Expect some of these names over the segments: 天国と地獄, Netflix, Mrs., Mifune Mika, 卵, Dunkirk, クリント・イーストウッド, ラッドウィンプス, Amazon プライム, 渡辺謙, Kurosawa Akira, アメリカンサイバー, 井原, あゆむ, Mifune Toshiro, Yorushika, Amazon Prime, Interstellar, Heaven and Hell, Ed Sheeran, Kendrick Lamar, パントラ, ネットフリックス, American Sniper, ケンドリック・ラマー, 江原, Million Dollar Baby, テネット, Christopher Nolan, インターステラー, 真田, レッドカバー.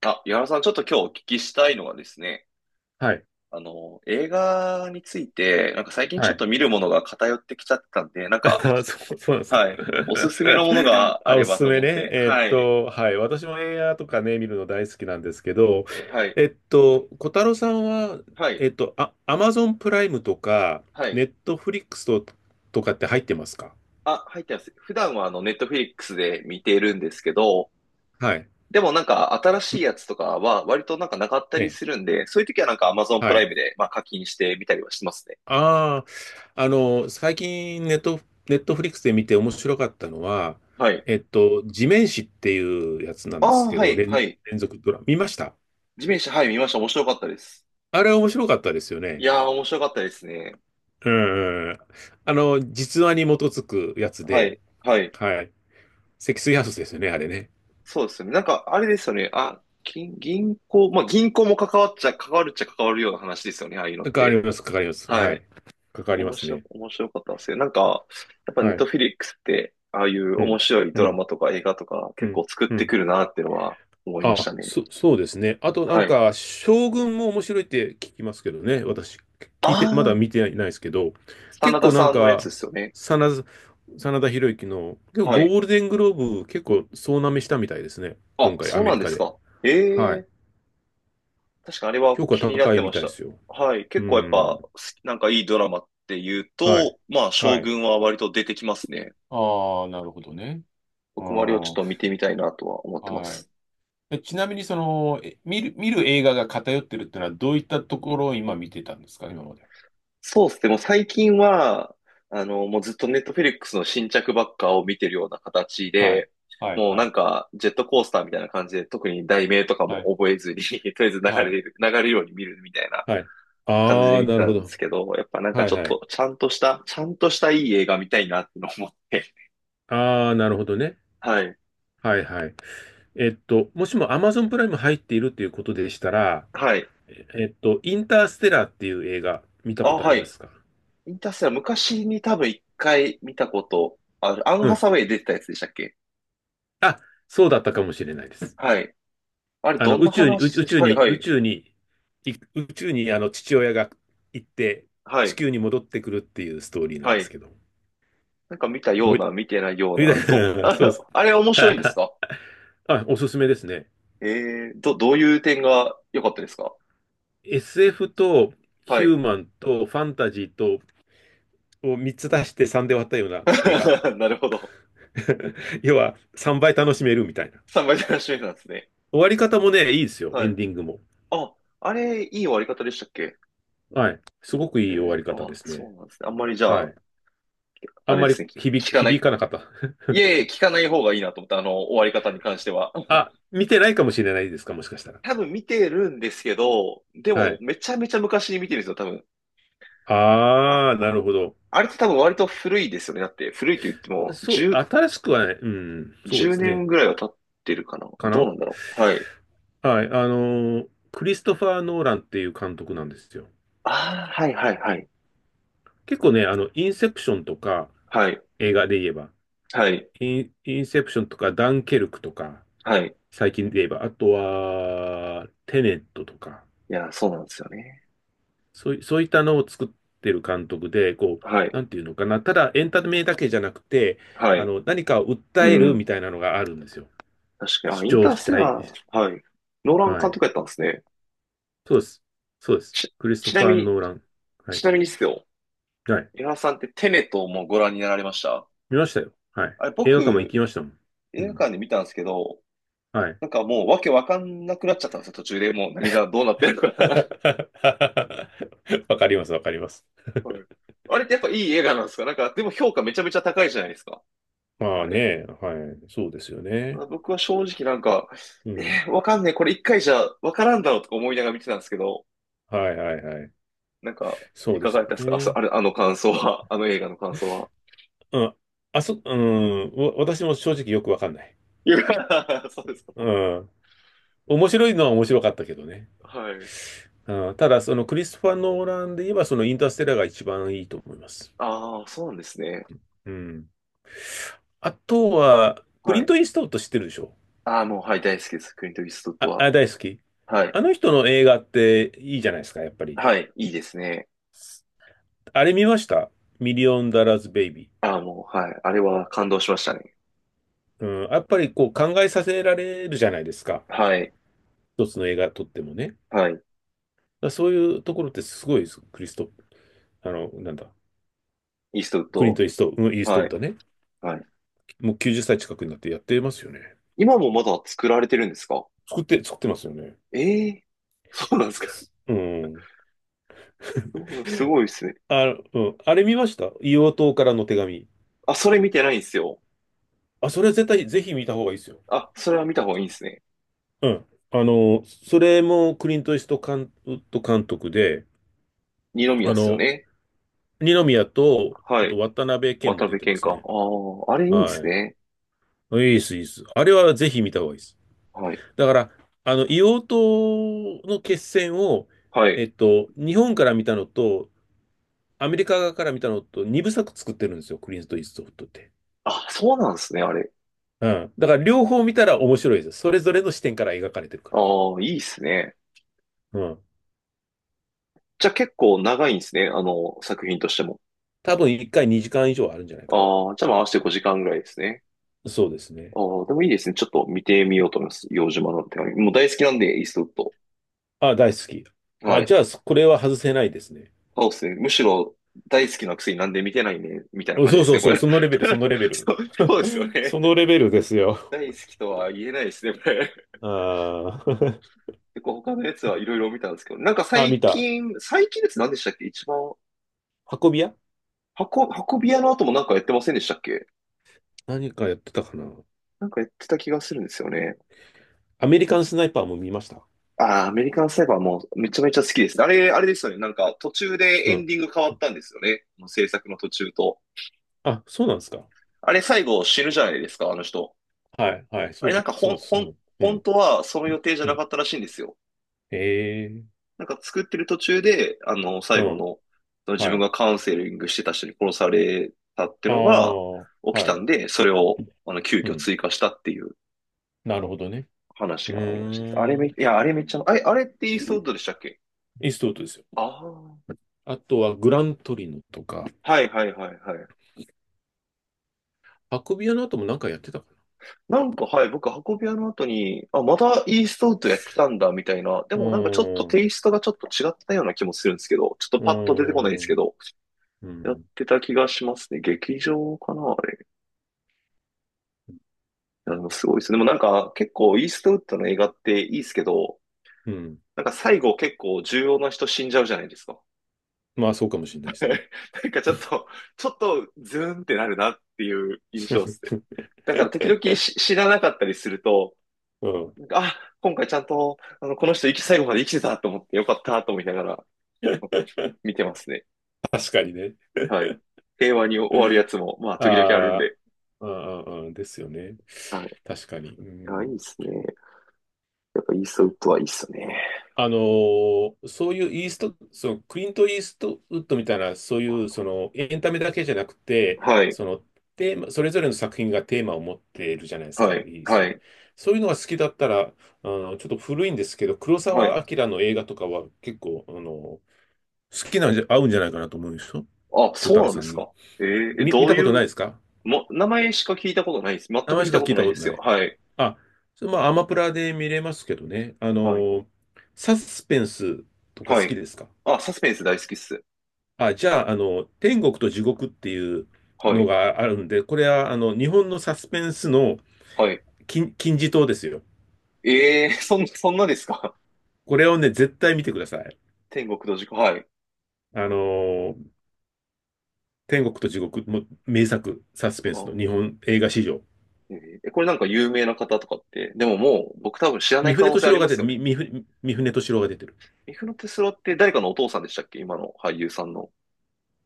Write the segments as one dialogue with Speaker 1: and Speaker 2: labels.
Speaker 1: あ、井原さん、ちょっと今日お聞きしたいのはですね、
Speaker 2: はい。
Speaker 1: 映画について、なんか最近ち
Speaker 2: は
Speaker 1: ょっ
Speaker 2: い。
Speaker 1: と見るものが偏ってきちゃってたんで、なん
Speaker 2: あ、
Speaker 1: か、
Speaker 2: そうなんです
Speaker 1: はい、おす
Speaker 2: か。
Speaker 1: すめのもの があ
Speaker 2: あ、
Speaker 1: れ
Speaker 2: おす
Speaker 1: ば
Speaker 2: す
Speaker 1: と
Speaker 2: め
Speaker 1: 思っ
Speaker 2: ね。
Speaker 1: て、はい、
Speaker 2: はい。私も映画とかね、見るの大好きなんですけど、
Speaker 1: で、はい、
Speaker 2: 小太郎さんは、
Speaker 1: はい、
Speaker 2: あ、アマゾンプライムとか、
Speaker 1: はい。
Speaker 2: ネットフリックスとかって入ってますか？
Speaker 1: あ、入ってます。普段はネットフリックスで見ているんですけど、
Speaker 2: はい。
Speaker 1: でもなんか新しいやつとかは割となんかなかった
Speaker 2: え
Speaker 1: り
Speaker 2: え、
Speaker 1: するんで、そういう時はなんか Amazon プ
Speaker 2: は
Speaker 1: ライ
Speaker 2: い。
Speaker 1: ムで、まあ、課金してみたりはしますね。
Speaker 2: ああ、最近ネットフリックスで見て面白かったのは、
Speaker 1: はい。
Speaker 2: 地面師っていうやつな
Speaker 1: あ
Speaker 2: んです
Speaker 1: あ、
Speaker 2: け
Speaker 1: は
Speaker 2: ど、
Speaker 1: い、はい。
Speaker 2: 連続ドラマ、見ました？
Speaker 1: 地面師、はい、見ました。面白かったです。
Speaker 2: あれは面白かったですよ
Speaker 1: い
Speaker 2: ね。
Speaker 1: やー、面白かったですね。
Speaker 2: うん。実話に基づくやつ
Speaker 1: は
Speaker 2: で、
Speaker 1: い、はい。
Speaker 2: はい。積水ハウスですよね、あれね。
Speaker 1: そうですよね。なんか、あれですよね。あ、金銀行、まあ、銀行も関わっちゃ、関わるっちゃ関わるような話ですよね。ああいうのっ
Speaker 2: かか
Speaker 1: て。
Speaker 2: ります、かかります。は
Speaker 1: はい。
Speaker 2: い。かかりますね。
Speaker 1: 面白かったですよ。なんか、やっぱネ
Speaker 2: は
Speaker 1: ット
Speaker 2: い。
Speaker 1: フィリックスって、ああいう
Speaker 2: う
Speaker 1: 面
Speaker 2: ん。
Speaker 1: 白い
Speaker 2: う
Speaker 1: ドラ
Speaker 2: ん。
Speaker 1: マとか映画とか
Speaker 2: う
Speaker 1: 結
Speaker 2: ん。
Speaker 1: 構作っ
Speaker 2: う
Speaker 1: て
Speaker 2: ん。
Speaker 1: くるなっていうのは思いまし
Speaker 2: あ、
Speaker 1: たね。
Speaker 2: そうですね。あとな
Speaker 1: は
Speaker 2: ん
Speaker 1: い。
Speaker 2: か、将軍も面白いって聞きますけどね。私、
Speaker 1: あ
Speaker 2: 聞いて、まだ
Speaker 1: あ、
Speaker 2: 見てないですけど、
Speaker 1: 真
Speaker 2: 結
Speaker 1: 田
Speaker 2: 構な
Speaker 1: さ
Speaker 2: ん
Speaker 1: んのやつで
Speaker 2: か、
Speaker 1: すよね。
Speaker 2: 真田、真田広之の、結構
Speaker 1: は
Speaker 2: ゴ
Speaker 1: い。
Speaker 2: ールデングローブ結構総なめしたみたいですね。
Speaker 1: あ、
Speaker 2: 今回、ア
Speaker 1: そう
Speaker 2: メ
Speaker 1: なん
Speaker 2: リ
Speaker 1: で
Speaker 2: カ
Speaker 1: す
Speaker 2: で。
Speaker 1: か。え
Speaker 2: はい。
Speaker 1: え、確かにあれは
Speaker 2: 評価
Speaker 1: 気になっ
Speaker 2: 高い
Speaker 1: て
Speaker 2: み
Speaker 1: ま
Speaker 2: た
Speaker 1: し
Speaker 2: いで
Speaker 1: た。
Speaker 2: すよ。
Speaker 1: はい。
Speaker 2: う
Speaker 1: 結構やっぱ、
Speaker 2: ん。
Speaker 1: すなんかいいドラマっていう
Speaker 2: はい。
Speaker 1: と、まあ、
Speaker 2: は
Speaker 1: 将
Speaker 2: い。
Speaker 1: 軍は割と出てきますね。
Speaker 2: ああ、なるほどね。あ
Speaker 1: 僕もあれをちょっ
Speaker 2: ー
Speaker 1: と見てみたいなとは思ってま
Speaker 2: はい。
Speaker 1: す。
Speaker 2: ちなみに、その、え見る、見る映画が偏ってるってのは、どういったところを今見てたんですか、今まで
Speaker 1: そうですね。もう最近は、もうずっとネットフェリックスの新着ばっかを見てるような形
Speaker 2: は。はい。
Speaker 1: で、
Speaker 2: はい、
Speaker 1: もう
Speaker 2: は
Speaker 1: なん
Speaker 2: い、
Speaker 1: か、ジェットコースターみたいな感じで、特に題名とか
Speaker 2: は
Speaker 1: も
Speaker 2: い、
Speaker 1: 覚えずに とりあえず
Speaker 2: はい。
Speaker 1: 流れるように見るみたいな
Speaker 2: はい。
Speaker 1: 感じ
Speaker 2: あ
Speaker 1: で
Speaker 2: あ、
Speaker 1: 見て
Speaker 2: なる
Speaker 1: た
Speaker 2: ほ
Speaker 1: んで
Speaker 2: ど。
Speaker 1: すけど、やっぱなんか
Speaker 2: は
Speaker 1: ち
Speaker 2: い
Speaker 1: ょっ
Speaker 2: はい。
Speaker 1: と、ちゃんとしたいい映画見たいなってのを思って、
Speaker 2: ああ、なるほどね。
Speaker 1: はい。
Speaker 2: はいはい。もしも Amazon プライム入っているっていうことでしたら、
Speaker 1: はい。
Speaker 2: インターステラーっていう映画見たこ
Speaker 1: あ、
Speaker 2: とあ
Speaker 1: は
Speaker 2: りま
Speaker 1: い。
Speaker 2: すか？
Speaker 1: インターステラー、昔に多分一回見たことある。アン・
Speaker 2: う
Speaker 1: ハ
Speaker 2: ん。
Speaker 1: サウェイ出てたやつでしたっけ？
Speaker 2: あ、そうだったかもしれないです。
Speaker 1: はい。あれ、
Speaker 2: あ
Speaker 1: ど
Speaker 2: の、
Speaker 1: ん
Speaker 2: 宇
Speaker 1: な
Speaker 2: 宙に、宇
Speaker 1: 話
Speaker 2: 宙
Speaker 1: で
Speaker 2: 宇
Speaker 1: す？
Speaker 2: 宙
Speaker 1: はい、
Speaker 2: に、
Speaker 1: は
Speaker 2: 宇
Speaker 1: い。
Speaker 2: 宙に、宇宙にあの父親が行って、
Speaker 1: は
Speaker 2: 地
Speaker 1: い、
Speaker 2: 球に戻ってくるっていうストーリーなん
Speaker 1: は
Speaker 2: です
Speaker 1: い。
Speaker 2: けど。
Speaker 1: なんか見たよ
Speaker 2: 覚
Speaker 1: う
Speaker 2: えて、
Speaker 1: な、見てないよう な。
Speaker 2: 覚えて
Speaker 1: あ
Speaker 2: そう
Speaker 1: れ、
Speaker 2: です。
Speaker 1: あれ面白いんで すか？
Speaker 2: あ、おすすめですね。
Speaker 1: えー、どういう点が良かったですか？
Speaker 2: SF と
Speaker 1: は
Speaker 2: ヒュー
Speaker 1: い。
Speaker 2: マンとファンタジーとを3つ出して3で割ったような映画。
Speaker 1: なるほど。
Speaker 2: 要は3倍楽しめるみたいな。
Speaker 1: 三倍楽しみなんですね。
Speaker 2: 終わり方もね、いいですよ。
Speaker 1: は
Speaker 2: エ
Speaker 1: い。
Speaker 2: ンディングも。
Speaker 1: あ、あれ、いい終わり方でしたっけ？
Speaker 2: はい。すごく
Speaker 1: え
Speaker 2: いい終わ
Speaker 1: ー、
Speaker 2: り方で
Speaker 1: あ、
Speaker 2: す
Speaker 1: そ
Speaker 2: ね。
Speaker 1: うなんですね。あんまりじゃ
Speaker 2: は
Speaker 1: あ、
Speaker 2: い。あ
Speaker 1: あ
Speaker 2: ん
Speaker 1: れ
Speaker 2: ま
Speaker 1: で
Speaker 2: り
Speaker 1: すね、聞かな
Speaker 2: 響
Speaker 1: い。
Speaker 2: かなかった。
Speaker 1: いえいえ、聞かない方がいいなと思った、終わり方に関しては。
Speaker 2: あ、見てないかもしれないですか、もしかしたら。
Speaker 1: 多分見てるんですけど、で
Speaker 2: は
Speaker 1: も
Speaker 2: い。
Speaker 1: めちゃめちゃ昔に見てるんですよ、多分。あ、
Speaker 2: ああ、なるほど。
Speaker 1: あれって多分割と古いですよね。だって古いと言っても
Speaker 2: そう、
Speaker 1: 10、
Speaker 2: 新しくはない。うん、そうです
Speaker 1: 年
Speaker 2: ね。
Speaker 1: ぐらいは経ってるかな。
Speaker 2: か
Speaker 1: どう
Speaker 2: な
Speaker 1: なんだろう。はい。
Speaker 2: はい。クリストファー・ノーランっていう監督なんですよ。
Speaker 1: ああ、はいはいはい。
Speaker 2: 結構ね、インセプションとか、
Speaker 1: はい。
Speaker 2: 映画で言えば、
Speaker 1: はい。
Speaker 2: インセプションとか、ダンケルクとか、
Speaker 1: はい。
Speaker 2: 最近で言えば、あとは、テネットとか、
Speaker 1: いや、そうなんですよね。
Speaker 2: そういったのを作ってる監督で、こ
Speaker 1: は
Speaker 2: う、
Speaker 1: い。
Speaker 2: なんていうのかな、ただエンタメだけじゃなくて、
Speaker 1: はい。
Speaker 2: 何かを訴
Speaker 1: う
Speaker 2: える
Speaker 1: ん。
Speaker 2: みたいなのがあるんですよ。
Speaker 1: 確か
Speaker 2: 主
Speaker 1: に。あ、イン
Speaker 2: 張
Speaker 1: ター
Speaker 2: し
Speaker 1: ステ
Speaker 2: たい。
Speaker 1: ラー。はい。ノーラン
Speaker 2: は
Speaker 1: 監
Speaker 2: い。
Speaker 1: 督やったんですね。
Speaker 2: そうです。そうです。
Speaker 1: ち、
Speaker 2: クリスト
Speaker 1: ちな
Speaker 2: ファ
Speaker 1: み
Speaker 2: ー・
Speaker 1: に、
Speaker 2: ノーラン。は
Speaker 1: ち
Speaker 2: い。
Speaker 1: なみにですよ。
Speaker 2: はい。
Speaker 1: 江原さんってテネットもご覧になられました？
Speaker 2: 見ましたよ。はい。
Speaker 1: あれ、
Speaker 2: 映画館も行
Speaker 1: 僕、
Speaker 2: きましたもん。う
Speaker 1: 映画
Speaker 2: ん。
Speaker 1: 館で見たんですけど、
Speaker 2: はい。
Speaker 1: なんかもうわけわかんなくなっちゃったんですよ、途中で。もう何がどうなってるか。
Speaker 2: わかります、わかります。
Speaker 1: はい。あれってやっぱいい映画なんですか？なんか、でも評価めちゃめちゃ高いじゃないですか。
Speaker 2: ま
Speaker 1: あ
Speaker 2: あ
Speaker 1: れ。
Speaker 2: ね、はい、そうですよね。
Speaker 1: 僕は正直なんか、
Speaker 2: うん。
Speaker 1: えーわかんねえ、これ一回じゃわからんだろうとか思いながら見てたんですけど、
Speaker 2: はいはいはい。
Speaker 1: なんか、
Speaker 2: そ
Speaker 1: い
Speaker 2: うで
Speaker 1: か
Speaker 2: す
Speaker 1: がだ
Speaker 2: よ
Speaker 1: ったですか？あ、そ
Speaker 2: ね。
Speaker 1: あれ、あの感想は、あの映画の感想は。
Speaker 2: うん。うん、私も正直よくわかんない。
Speaker 1: いや、そうですか。
Speaker 2: うん。面白いのは面白かったけどね。
Speaker 1: はい。
Speaker 2: うん、ただ、そのクリストファー・ノーランで言えば、そのインターステラーが一番いいと思います。
Speaker 1: ああ、そうなんですね。
Speaker 2: うん。あとは、クリ
Speaker 1: は
Speaker 2: ン
Speaker 1: い。
Speaker 2: ト・イーストウッド知ってるでしょ？
Speaker 1: ああ、もう、はい、大好きです。クリント・イーストウッド
Speaker 2: あ、
Speaker 1: は。
Speaker 2: あ、大好き。
Speaker 1: はい。
Speaker 2: あの人の映画っていいじゃないですか、やっぱり。
Speaker 1: はい、いいですね。
Speaker 2: あれ見ました？ミリオンダラーズ・ベイビ
Speaker 1: ああ、もう、はい。あれは感動しましたね。
Speaker 2: ー。うん、やっぱりこう考えさせられるじゃないですか。
Speaker 1: はい。
Speaker 2: 一つの映画撮ってもね。だか
Speaker 1: はい。
Speaker 2: らそういうところってすごいです。クリスト、あの、なんだ。
Speaker 1: イーストウッ
Speaker 2: クリン
Speaker 1: ド。
Speaker 2: ト・イースト、うんイーストウ
Speaker 1: は
Speaker 2: ッ
Speaker 1: い。
Speaker 2: ドね。
Speaker 1: はい。
Speaker 2: もう90歳近くになってやってますよね。
Speaker 1: 今もまだ作られてるんですか？
Speaker 2: 作ってますよね。
Speaker 1: ええー、そうなんですか。
Speaker 2: すうん。
Speaker 1: す ごいですね。
Speaker 2: あ、うん、あれ見ました？硫黄島からの手紙。
Speaker 1: あ、それ見てないんですよ。
Speaker 2: あ、それは絶対、ぜひ見た方がいいですよ。
Speaker 1: あ、それは見た方がいいんですね。
Speaker 2: うん。それもクリント・イースト監、ウッド監督で、
Speaker 1: 二宮
Speaker 2: あ
Speaker 1: っすよ
Speaker 2: の、
Speaker 1: ね。
Speaker 2: 二宮と、
Speaker 1: は
Speaker 2: あと
Speaker 1: い。
Speaker 2: 渡辺謙
Speaker 1: 渡
Speaker 2: も出
Speaker 1: 辺
Speaker 2: てま
Speaker 1: 謙
Speaker 2: す
Speaker 1: 寛。
Speaker 2: ね。
Speaker 1: ああ、あれいいんで
Speaker 2: は
Speaker 1: すね。
Speaker 2: い。いいです、いいです。あれはぜひ見た方がいいです。
Speaker 1: はい。
Speaker 2: だから、硫黄島の決戦を、
Speaker 1: はい。
Speaker 2: 日本から見たのと、アメリカ側から見たのと、二部作作ってるんですよ、クリント・イーストウッドって。
Speaker 1: あ、そうなんですね、あれ。
Speaker 2: うん。だから、両方見たら面白いです。それぞれの視点から描かれてるか
Speaker 1: ああ、いいですね。
Speaker 2: ら。うん。
Speaker 1: じゃあ結構長いんですね、作品としても。
Speaker 2: 多分、一回2時間以上あるんじゃないかな。
Speaker 1: ああ、じゃあまあ合わせて5時間ぐらいですね。
Speaker 2: そうですね。
Speaker 1: ああ、でもいいですね。ちょっと見てみようと思います。洋島の手紙。もう大好きなんで、イーストウッド。
Speaker 2: あ、大好き。
Speaker 1: は
Speaker 2: あ、
Speaker 1: い。
Speaker 2: じゃあ、これは外せないですね。
Speaker 1: そうですね。むしろ大好きなくせになんで見てないね、みたいな
Speaker 2: お
Speaker 1: 感じ
Speaker 2: そ
Speaker 1: で
Speaker 2: う
Speaker 1: す
Speaker 2: そ
Speaker 1: ね、
Speaker 2: う
Speaker 1: こ
Speaker 2: そう、
Speaker 1: れ。
Speaker 2: そのレベル、そのレベ ル。
Speaker 1: そう、そうですよ
Speaker 2: そ
Speaker 1: ね。
Speaker 2: のレベルですよ。
Speaker 1: 大好きとは言えないですね、これ。
Speaker 2: あー
Speaker 1: 結構他のやつはいろいろ見たんですけど、なんか
Speaker 2: あ、見た。
Speaker 1: 最近です。何でしたっけ一番、
Speaker 2: 運び屋
Speaker 1: 箱、運び屋の後もなんかやってませんでしたっけ？
Speaker 2: 何かやってたかな。
Speaker 1: なんかやってた気がするんですよね。
Speaker 2: アメリカンスナイパーも見ました。
Speaker 1: ああ、アメリカンサイバーもめちゃめちゃ好きですね。あれ、あれですよね。なんか途中で
Speaker 2: う
Speaker 1: エン
Speaker 2: ん。
Speaker 1: ディング変わったんですよね。制作の途中と。
Speaker 2: あ、そうなんですか。
Speaker 1: あれ最後死ぬじゃないですか、あの人。
Speaker 2: はい、はい、
Speaker 1: あれなんか
Speaker 2: そ
Speaker 1: ほ
Speaker 2: う
Speaker 1: ん、
Speaker 2: です。
Speaker 1: ほ
Speaker 2: う
Speaker 1: ん、
Speaker 2: ん、う
Speaker 1: 本
Speaker 2: ん、
Speaker 1: 当はその予定じゃ
Speaker 2: う
Speaker 1: な
Speaker 2: ん。
Speaker 1: かったらしいんですよ。
Speaker 2: ええ
Speaker 1: なんか作ってる途中で、
Speaker 2: う
Speaker 1: 最後
Speaker 2: ん、
Speaker 1: の、自
Speaker 2: は
Speaker 1: 分
Speaker 2: い。
Speaker 1: がカウンセリングしてた人に殺されたって
Speaker 2: あ
Speaker 1: のが
Speaker 2: あ、
Speaker 1: 起き
Speaker 2: は
Speaker 1: た
Speaker 2: い。
Speaker 1: んで、それを、急
Speaker 2: う
Speaker 1: 遽
Speaker 2: ん。
Speaker 1: 追加したっていう
Speaker 2: なるほどね。
Speaker 1: 話
Speaker 2: う
Speaker 1: があるらしいです。あれ
Speaker 2: ー
Speaker 1: め、い
Speaker 2: ん。
Speaker 1: や、あれめっちゃ、あれってイーストウッドでしたっけ？
Speaker 2: イーストウッドですよ。
Speaker 1: ああー。
Speaker 2: あとはグラントリノとか、
Speaker 1: はいはいはいはい。
Speaker 2: 運び屋の後も何かやってたか
Speaker 1: なんか、はい、僕、運び屋の後に、あ、またイーストウッドやってたんだ、みたいな。で
Speaker 2: な。う
Speaker 1: もなんかちょっと
Speaker 2: ー
Speaker 1: テ
Speaker 2: ん。
Speaker 1: イストがちょっと違ったような気もするんですけど、ちょっと
Speaker 2: う
Speaker 1: パッと出てこないで
Speaker 2: ー
Speaker 1: すけ
Speaker 2: ん。
Speaker 1: ど、
Speaker 2: う
Speaker 1: やっ
Speaker 2: ん。
Speaker 1: てた気がしますね。劇場かな、あれ。いや、でもすごいですね。でもなんか結構イーストウッドの映画っていいですけど、
Speaker 2: うん。
Speaker 1: なんか最後結構重要な人死んじゃうじゃないですか。
Speaker 2: まあ、そうかもしれないですね。
Speaker 1: なんかちょっと、ちょっとズーンってなるなっていう印象ですね。だから時々し知らなかったりすると、
Speaker 2: うん。
Speaker 1: なんかあ、今回ちゃんと、この人生き、最後まで生きてたと思ってよかったと思いながら見てますね。
Speaker 2: 確かにね。
Speaker 1: はい。平和に終わるやつも、まあ時々あるん
Speaker 2: ああ、
Speaker 1: で。
Speaker 2: うんうんうん。ですよね。
Speaker 1: はい。
Speaker 2: 確かに。う
Speaker 1: あ、いい
Speaker 2: ん。
Speaker 1: っすね。やっぱイーストウッドはいいっすね。
Speaker 2: あのーそういうイースト、そのクリント・イーストウッドみたいな、そういうそのエンタメだけじゃなくて、
Speaker 1: はい、
Speaker 2: そのテーマ、それぞれの作品がテーマを持っているじゃないです
Speaker 1: は
Speaker 2: か、イ
Speaker 1: い、
Speaker 2: ース
Speaker 1: は
Speaker 2: ト。
Speaker 1: い、
Speaker 2: そういうのが好きだったら、ちょっと古いんですけど、黒
Speaker 1: はい。
Speaker 2: 澤明の映画とかは結構、好きなんじゃ、合うんじゃないかなと思うんですよ。
Speaker 1: あ、
Speaker 2: 小
Speaker 1: そ
Speaker 2: 太
Speaker 1: う
Speaker 2: 郎
Speaker 1: なんで
Speaker 2: さん
Speaker 1: す
Speaker 2: に。
Speaker 1: か。えーえ
Speaker 2: 見
Speaker 1: どう
Speaker 2: たこと
Speaker 1: い
Speaker 2: な
Speaker 1: う、
Speaker 2: いですか？
Speaker 1: も、名前しか聞いたことないです。全
Speaker 2: 名
Speaker 1: く
Speaker 2: 前
Speaker 1: 見
Speaker 2: しか
Speaker 1: たこ
Speaker 2: 聞い
Speaker 1: と
Speaker 2: た
Speaker 1: ない
Speaker 2: こ
Speaker 1: で
Speaker 2: と
Speaker 1: す
Speaker 2: な
Speaker 1: よ。
Speaker 2: い。
Speaker 1: はい、
Speaker 2: あ、それまあ、アマプラで見れますけどね。
Speaker 1: はい、
Speaker 2: サスペンスとか
Speaker 1: は
Speaker 2: 好き
Speaker 1: い。
Speaker 2: ですか？
Speaker 1: あ、サスペンス大好きっす。
Speaker 2: あ、じゃあ、天国と地獄っていう
Speaker 1: は
Speaker 2: の
Speaker 1: い、
Speaker 2: があるんで、これは、日本のサスペンスの
Speaker 1: はい。
Speaker 2: 金字塔ですよ。
Speaker 1: えー、そんなですか。
Speaker 2: これをね、絶対見てください。
Speaker 1: 天国と地獄、はい。
Speaker 2: あの、天国と地獄も名作、サスペンスの
Speaker 1: あ、
Speaker 2: 日本映画史上。
Speaker 1: えーこれなんか有名な方とかって、でももう僕多分知らな
Speaker 2: 三
Speaker 1: い可
Speaker 2: 船
Speaker 1: 能性
Speaker 2: 敏
Speaker 1: あり
Speaker 2: 郎が
Speaker 1: ま
Speaker 2: 出
Speaker 1: す
Speaker 2: る、
Speaker 1: よね。
Speaker 2: み、みふ、三船敏郎が出てる。
Speaker 1: ミフノテスロって誰かのお父さんでしたっけ？今の俳優さんの。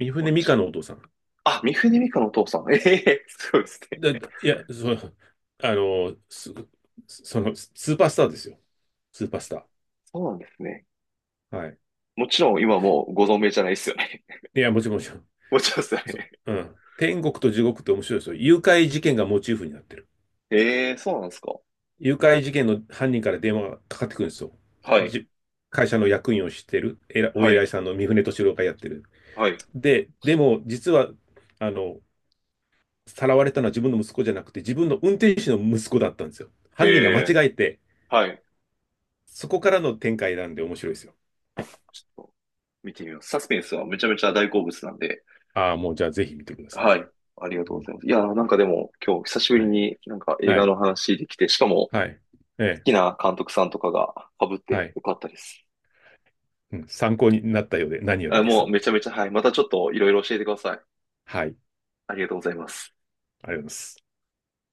Speaker 2: 三
Speaker 1: あ
Speaker 2: 船
Speaker 1: れ
Speaker 2: 美
Speaker 1: ち、
Speaker 2: 佳のお父さん。
Speaker 1: あ、ミフネミカのお父さん。ええすごい ですね。
Speaker 2: だいや、そう、あの、す、その、スーパースターですよ。スーパースタ
Speaker 1: そうなんですね。
Speaker 2: ー。はい。
Speaker 1: もちろん今もうご存命じゃないですよね。
Speaker 2: いや、もちろん、もちろん。
Speaker 1: もちろんですね。
Speaker 2: そう、うん。天国と地獄って面白いですよ。誘拐事件がモチーフになってる。
Speaker 1: ええ、そうなんですか。
Speaker 2: 誘拐事件の犯人から電話がかかってくるんですよ。
Speaker 1: はい、
Speaker 2: じ、会社の役員をしてる、お
Speaker 1: は
Speaker 2: 偉い
Speaker 1: い、
Speaker 2: さんの三船敏郎がやってる。
Speaker 1: はい。
Speaker 2: でも、実は、あの、さらわれたのは自分の息子じゃなくて、自分の運転手の息子だったんですよ。
Speaker 1: え
Speaker 2: 犯人が間
Speaker 1: え、
Speaker 2: 違えて、
Speaker 1: はい。
Speaker 2: そこからの展開なんで面白いですよ。
Speaker 1: あ、ちょっと見てみます。サスペンスはめちゃめちゃ大好物なんで、
Speaker 2: ああ、もうじゃあぜひ見てください。
Speaker 1: はい。ありがと
Speaker 2: う
Speaker 1: うご
Speaker 2: ん。
Speaker 1: ざいます。いやー、なんかでも今日久しぶり
Speaker 2: はい。
Speaker 1: になんか映
Speaker 2: は
Speaker 1: 画
Speaker 2: い。
Speaker 1: の話できて、しかも好
Speaker 2: はい。ええ。
Speaker 1: きな監督さんとかが被っ
Speaker 2: は
Speaker 1: て
Speaker 2: い。
Speaker 1: よかったです。
Speaker 2: うん。参考になったようで何より
Speaker 1: あ、
Speaker 2: で
Speaker 1: もう
Speaker 2: す。
Speaker 1: めちゃめちゃ、はい。またちょっといろいろ教えてください。
Speaker 2: はい。
Speaker 1: ありがとうございます。
Speaker 2: ありがとうございます。